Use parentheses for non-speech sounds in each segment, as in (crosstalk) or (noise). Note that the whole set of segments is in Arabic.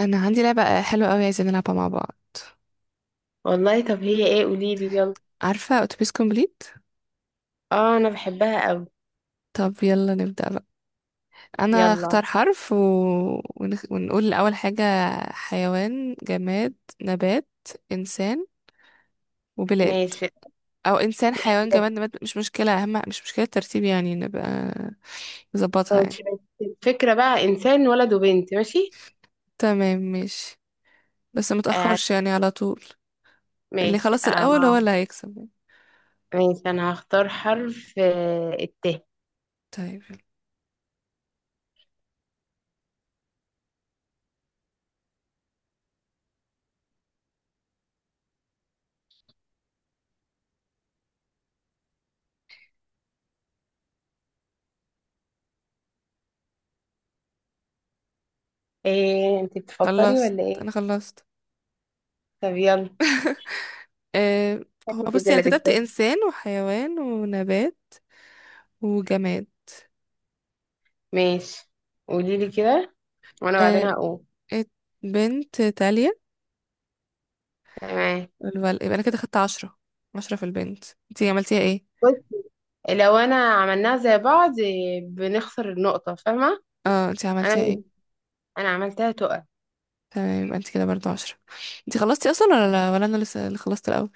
انا عندي لعبة حلوة قوي عايزين نلعبها مع بعض. والله، طب هي ايه؟ قولي لي، يلا. عارفة اتوبيس كومبليت؟ اه، انا بحبها قوي. طب يلا نبدأ بقى. انا يلا. اختار حرف ونقول اول حاجة: حيوان، جماد، نبات، انسان وبلاد، ماشي او انسان، حيوان، ماشي بس. جماد، نبات. مش مشكلة، اهم مش مشكلة الترتيب يعني، نبقى نظبطها يعني. ماشي بس الفكرة بقى انسان ولد وبنت، ماشي. تمام ماشي، بس آه، متأخرش يعني على طول. اللي ماشي. خلص آه، الاول هو اللي هيكسب يعني. ماشي، انا هختار حرف طيب يلا. ايه؟ انت بتفكري خلصت، ولا ايه؟ انا خلصت. طب يلا. (laughs) أه، هو شكلك كده بصي انا اللي كتبت هتكسبي. انسان وحيوان ونبات وجماد. ماشي، قولي لي كده وانا بعدين أه، هقول. ات- بنت تالية. تمام. يبقى انا كده خدت 10، 10 في البنت. انتي عملتيها ايه؟ بص، لو انا عملناها زي بعض بنخسر النقطة، فاهمة؟ اه، انتي انا عملتيها ايه؟ انا عملتها تقع. تمام، يبقى انتي كده برضو 10. انتي خلصتي اصلا ولا لا، ولا انا لسه اللي خلصت الاول؟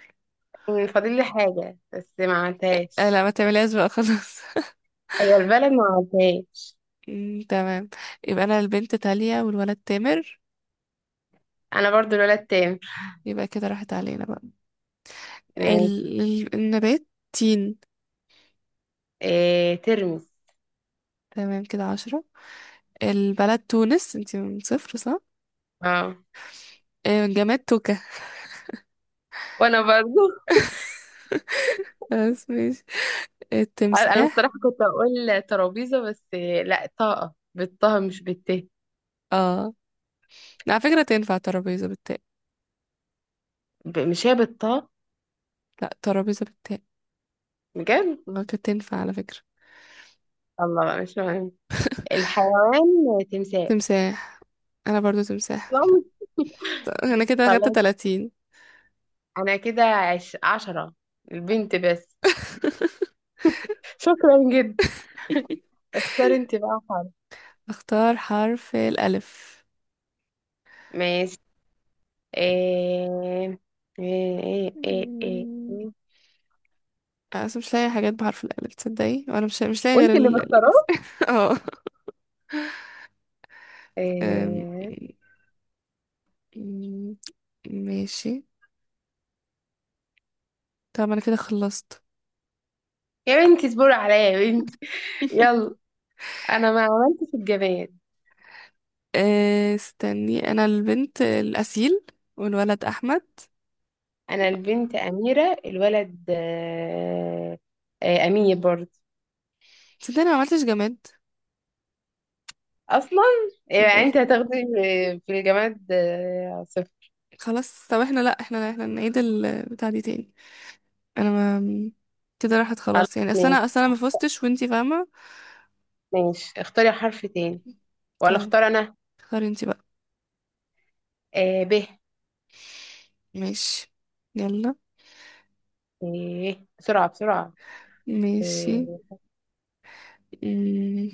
فاضل لي حاجة بس ما أه لا، عملتهاش. ما تعمليهاش بقى خلاص. (laughs) أيوة، البلد ما عملتهاش. تمام. يبقى انا البنت تالية والولد تامر. أنا برضو الولد تاني. يبقى كده راحت علينا بقى. ماشي. النبات تين. إيه؟ ترمس. تمام كده 10. البلد تونس، انتي من صفر صح؟ اه، جماد توكة. وأنا برضو. (laughs) بس ماشي. (laughs) أنا الصراحة التمساح. كنت أقول ترابيزة بس إيه، لا، طاقة بالطه مش بالت. اه، على فكرة تنفع ترابيزة بالتاء. مش هي بالطه؟ لا، ترابيزة بالتاء. بجد؟ كانت تنفع على فكرة. الله بقى، مش مهم. الحيوان تمساح. تمساح. انا برضو تمساح. طب، (laughs) انا (laughs) كده اخدت خلاص، 30. أنا كده عشرة، البنت بس. (laughs) شكرا جدا، اختار انت بقى حاجة. اختار حرف الالف. ماشي. إيه؟ إيه إيه إيه مم، إيه أنا أصلا مش لاقي حاجات بحرف الألف تصدقي، وأنا مش لاقي غير وانت اللي مختاراه؟ (laughs) اه. أم، إيه؟ مم، ماشي. طب أنا كده خلصت. يا بنتي اصبري عليا، يا بنتي. (laughs) (laughs) يلا، أنا ما عملتش الجماد. استني، انا البنت الاسيل والولد احمد. أنا البنت أميرة، الولد آه، أمير برضه. صدقني ما عملتش جماد. أصلا يعني صدقني أنت فاهم؟ هتاخدي في الجماد صفر. خلاص طب، احنا لا احنا احنا نعيد البتاع دي تاني. انا ما، كده راحت خلاص خلاص يعني، اصل ماشي. انا اصل انا ما فزتش وانتي فاهمه. ماشي، اختاري حرف تاني ولا طيب اختار أنا؟ اختاري انتي بقى. آه، ب. ماشي، يلا. إيه، بسرعة بسرعة. ماشي. إيه، مم.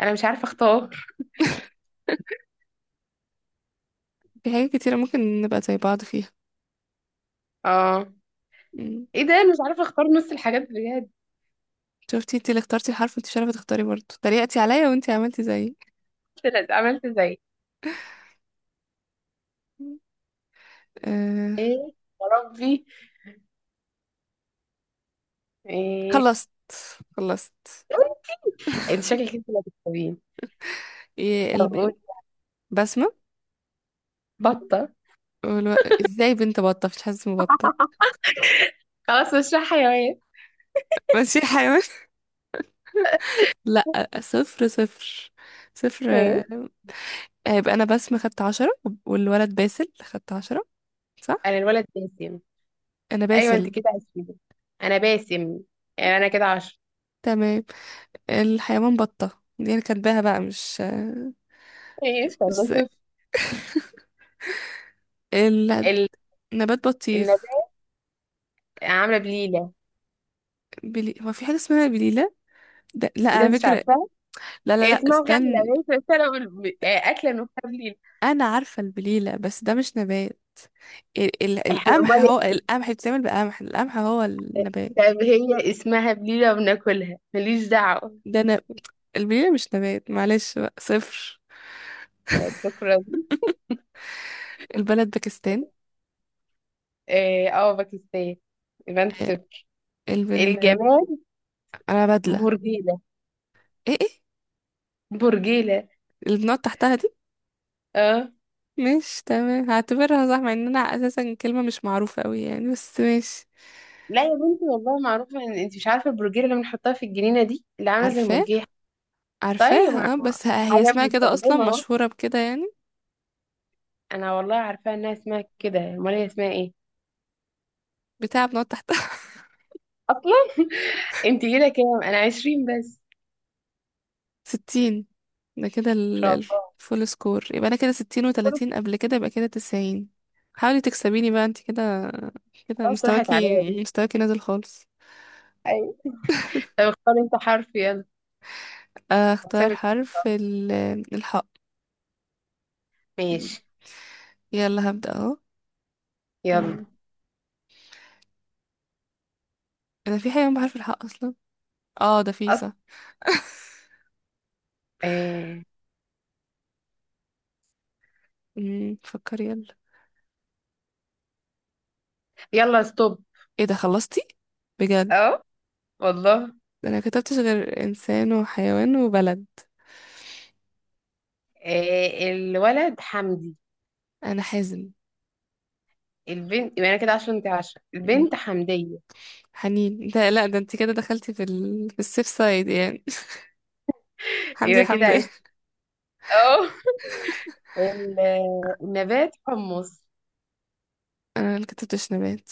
أنا مش عارفة اختار. في حاجات كتيره ممكن نبقى زي بعض فيها. اه، مم. ايه ده، انا مش عارفة اختار نص الحاجات بجد. شفتي، انتي اللي اخترتي الحرف وانتي مش عارفه تختاري، برضه تريقتي عليا وانتي عملتي زيي. طلعت عملت زي. أه. ايه، يا ربي. ايه؟ خلصت، خلصت. إيه؟ انت شكلك انت اللي هتكتبين. إيه طب قول. البنت؟ بسمة. بطة. والو... ازاي بنت بطة؟ مش حاسس مبطل. خلاص مش رايحة حيوان. ماشي حيوان. (laughs) لا، صفر، صفر، صفر. ماشي. هيبقى انا بسمة خدت 10 والولد باسل خدت 10، صح. انا الولد باسم. انا ايوه، انت باسل. كده عشرين. انا باسم، يعني انا كده عشرة. تمام. الحيوان بطة دي انا كاتباها بقى، مش آه، ايش، انا مش زي- صفر. ال- النبات بطيخ. النبات عاملة بليلة. هو في حاجة اسمها بليلة؟ لا ايه ده، على انت مش فكرة. عارفاها؟ لا لا إيه؟ لا اسمها غلة؟ استنى. ماشي، بس انا بقول اكلة نفسها بليلة. انا عارفة البليلة بس ده مش نبات. احنا القمح، امال؟ هو القمح بيتعمل بقمح، القمح هو النبات. طب هي اسمها بليلة وبناكلها، ماليش دعوة. ده نب... البليلة مش نبات، معلش بقى صفر. آه، شكرا. البلد باكستان. باكستان. يبقى انت آه، صفر. البل... الجمال. انا بدلة. برجيلة. ايه ايه برجيلة. اللي بنقعد تحتها دي؟ اه. مش تمام، هعتبرها صح مع ان انا اساسا كلمة مش معروفة قوي يعني بس ماشي. لا يا بنتي، والله معروفة، ان انت مش عارفة البرجيلة اللي بنحطها في الجنينة دي اللي عاملة زي عارفاه، المرجيحة. طيب، عارفاها آه، بس هي حاجة اسمها كده اصلا، بنستخدمها اهو. مشهورة بكده يعني. انا والله عارفاها انها اسمها كده، امال هي اسمها ايه بتاع بنقعد تحتها. اصلا؟ انت كده كام؟ انا عشرين بس. 60. ده كده ان شاء الله. الفول سكور. يبقى انا كده 60، كل. و30 قبل كده يبقى كده 90. حاولي تكسبيني بقى انت كده. كده خلاص، راحت عليا مستواكي دي. مستواكي نازل خالص. ايوه. طب اختار انت حرف، يلا، اختار هكسبك. حرف الحاء. ماشي، يلا هبدأ اهو. يلا. مم. انا في حيوان بحرف الحاء اصلا. اه ده في أص... صح. (laughs) آه. فكري يلا. يلا، ستوب. ايه ده خلصتي بجد؟ اهو، والله. ده انا كتبتش غير انسان وحيوان وبلد. آه، الولد حمدي. انا حازم. البنت، يبقى انا كده عشرة، انت عشرة، البنت حمدية. حنين، ده لا، ده انت كده دخلتي في في السيف سايد يعني. (laughs) حمدي يبقى كده حمدي عشت. اه. النبات حمص. انا اللي كتبتش نبات.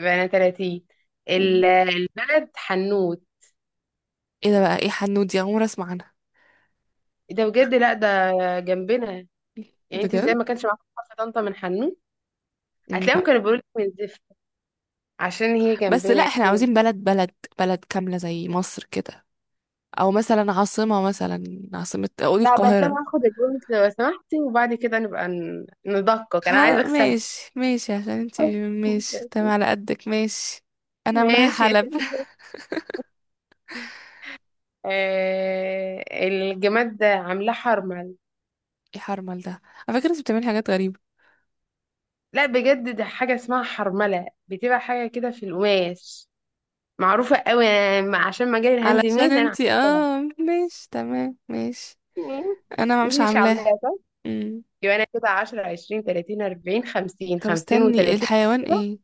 يبقى انا 30. الولد حنوت. ايه ده بقى، ايه حنود دي؟ عمري اسمع عنها إيه ده بجد؟ لا ده جنبنا يعني، انت ازاي بجد. ما كانش معاكم حرف طنطا من حنوت؟ مم. هتلاقيهم كانوا بيقولوا لك من زفت، عشان هي بس جنبنا لا، احنا يعني. عاوزين بلد، بلد كاملة زي مصر كده، او مثلا عاصمة، مثلا عاصمة قولي لا بس القاهرة. انا هاخد البوينت لو سمحتي وبعد كده نبقى ندقق، انا عايزه ها اكسب. ماشي ماشي، عشان انتي، ماشي تمام (laughs) على قدك ماشي. انا عاملاها ماشي يا. حلب. (laughs) آه، الجماد ده عاملاه حرمل. يا حرمل ده، على فكرة انتي بتعملي حاجات غريبة. لا بجد، ده حاجة اسمها حرملة، بتبقى حاجة كده في القماش، معروفة قوي عشان مجال الهاند علشان ميد أنا، انتي عارفاها. اه، ماشي تمام ماشي. (laughs) انا مش انتي مش عاملاها. عاملاها صح؟ يبقى أنا كده 10، 20، 30، 40، 50، طب استني، و30. الحيوان ايه؟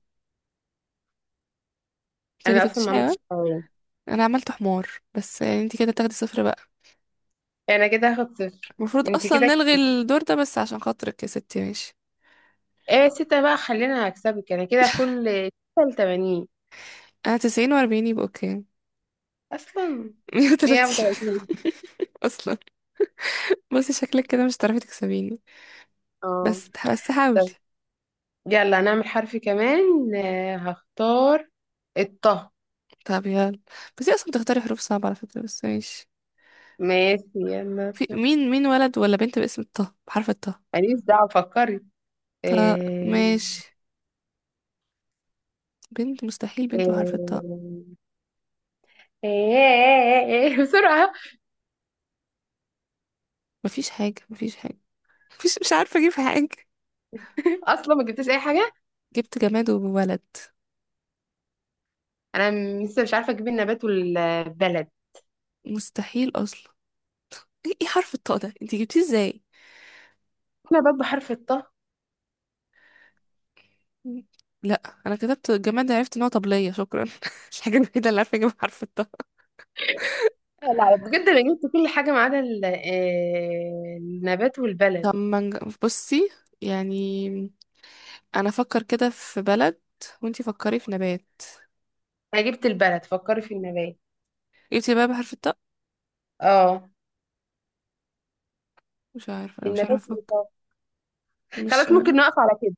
انت أنا أصلا كتبتيش ما حيوان. عملتش حاجة. انا عملت حمار بس، يعني انت كده تاخدي صفر بقى. أنا كده هاخد صفر. المفروض انتي اصلا كده، نلغي الدور ده بس عشان خاطرك يا ستي ماشي. ايه، ستة بقى، خلينا هكسبك أنا كده. كل ستة لتمانين. انا 90 و40 يبقى اوكي أصلا. مية مية وتلاتين وتلاتين. (laughs) اصلا. بصي شكلك كده مش هتعرفي تكسبيني. اه. بس حاولي. يلا، هنعمل حرف كمان. هختار الطه. طب يلا. بس هي اصلا بتختاري حروف صعبة على فكرة، بس ماشي. ماشي يلا. في مين ولد ولا بنت باسم الطه بحرف الطه؟ ماليش دعوة، فكري. طه، آه، ماشي. بنت مستحيل بنت بحرف الطه. آه، آه، (laughs) بسرعة. مفيش حاجة، مفيش حاجة. مفيش، مش عارفة اجيب حاجة. أصلا ما جبتش أي حاجة. جبت جماد وولد. أنا لسه مش عارفة أجيب النبات والبلد. مستحيل اصلا. ايه إيه حرف الطاء ده انتي جبتيه ازاي؟ نبات بحرف الطه. لا انا كتبت جماد، عرفت ان هو طبلية، شكرا. (laughs) الحاجة الوحيدة اللي عارفة اجيب حرف الطاء. لا بجد أنا جبت كل حاجة ما عدا النبات والبلد. طب ما نج- بصي، يعني انا افكر كده في بلد وانتي فكري في نبات. أنا جبت البلد، فكري في النبات. جبتي بقى بحرف الطاء؟ اه، مش عارفة، انا مش النبات عارفة إيه افكر. طب؟ مش خلاص، عارفة. ممكن نقف على كده.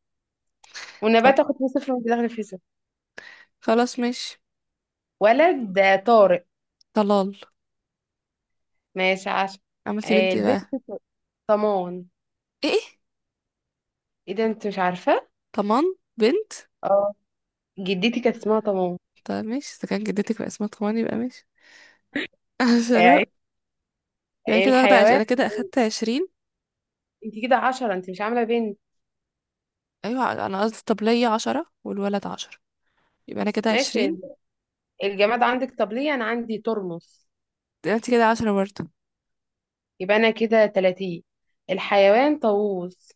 طب والنبات آخد فيه صفر، وأنت داخل فيه صفر. خلاص ماشي. ولد طارق. طلال. ماشي عشان. عملتي آه، بنت إيه بقى؟ البنت طمان. ايه إيه؟ ايه ده، انت مش عارفة؟ طمان؟ بنت؟ اه، جدتي كانت اسمها طمان. طب ماشي، اذا كان جدتك بقى اسمها طمان يبقى ماشي. (laughs) آه، شراء. يبقى كده الحيوان. انا كده اخدت 20. انت كده عشرة، انت مش عاملة بنت. ايوه انا قصدي، طب ليا 10 والولد 10 يبقى انا كده ماشي. 20. الجماد عندك؟ طب ليه، انا عندي ترمس. انت كده 10 برضه. يبقى انا كده تلاتين. الحيوان طاووس.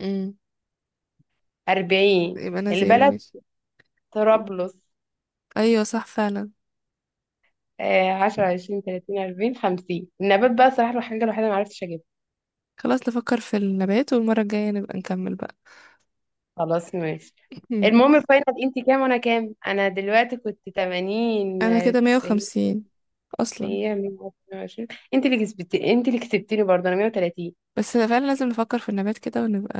امم. اربعين. يبقى انا زيرو البلد ماشي. طرابلس. ايوه صح فعلا. آه، عشرة، عشرين، تلاتين، أربعين، خمسين. النبات بقى صراحة الحاجة الوحيدة معرفتش أجيبها. خلاص نفكر في النبات والمرة الجاية نبقى نكمل بقى. خلاص ماشي. (laughs) المهم ماشي. الفاينل، انت كام وانا كام؟ انا دلوقتي كنت 80، انا كده مية 90، وخمسين اصلا. 100، 120. انت اللي كسبتي، انت اللي كسبتيني برضه، انا 130. بس فعلا لازم نفكر في النبات كده، ونبقى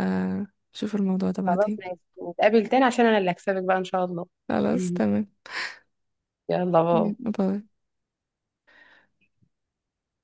نشوف الموضوع ده خلاص بعدين. ماشي، نتقابل تاني عشان انا اللي هكسبك بقى ان شاء الله. خلاص (laughs) تمام. يلا، مم. باي. باي.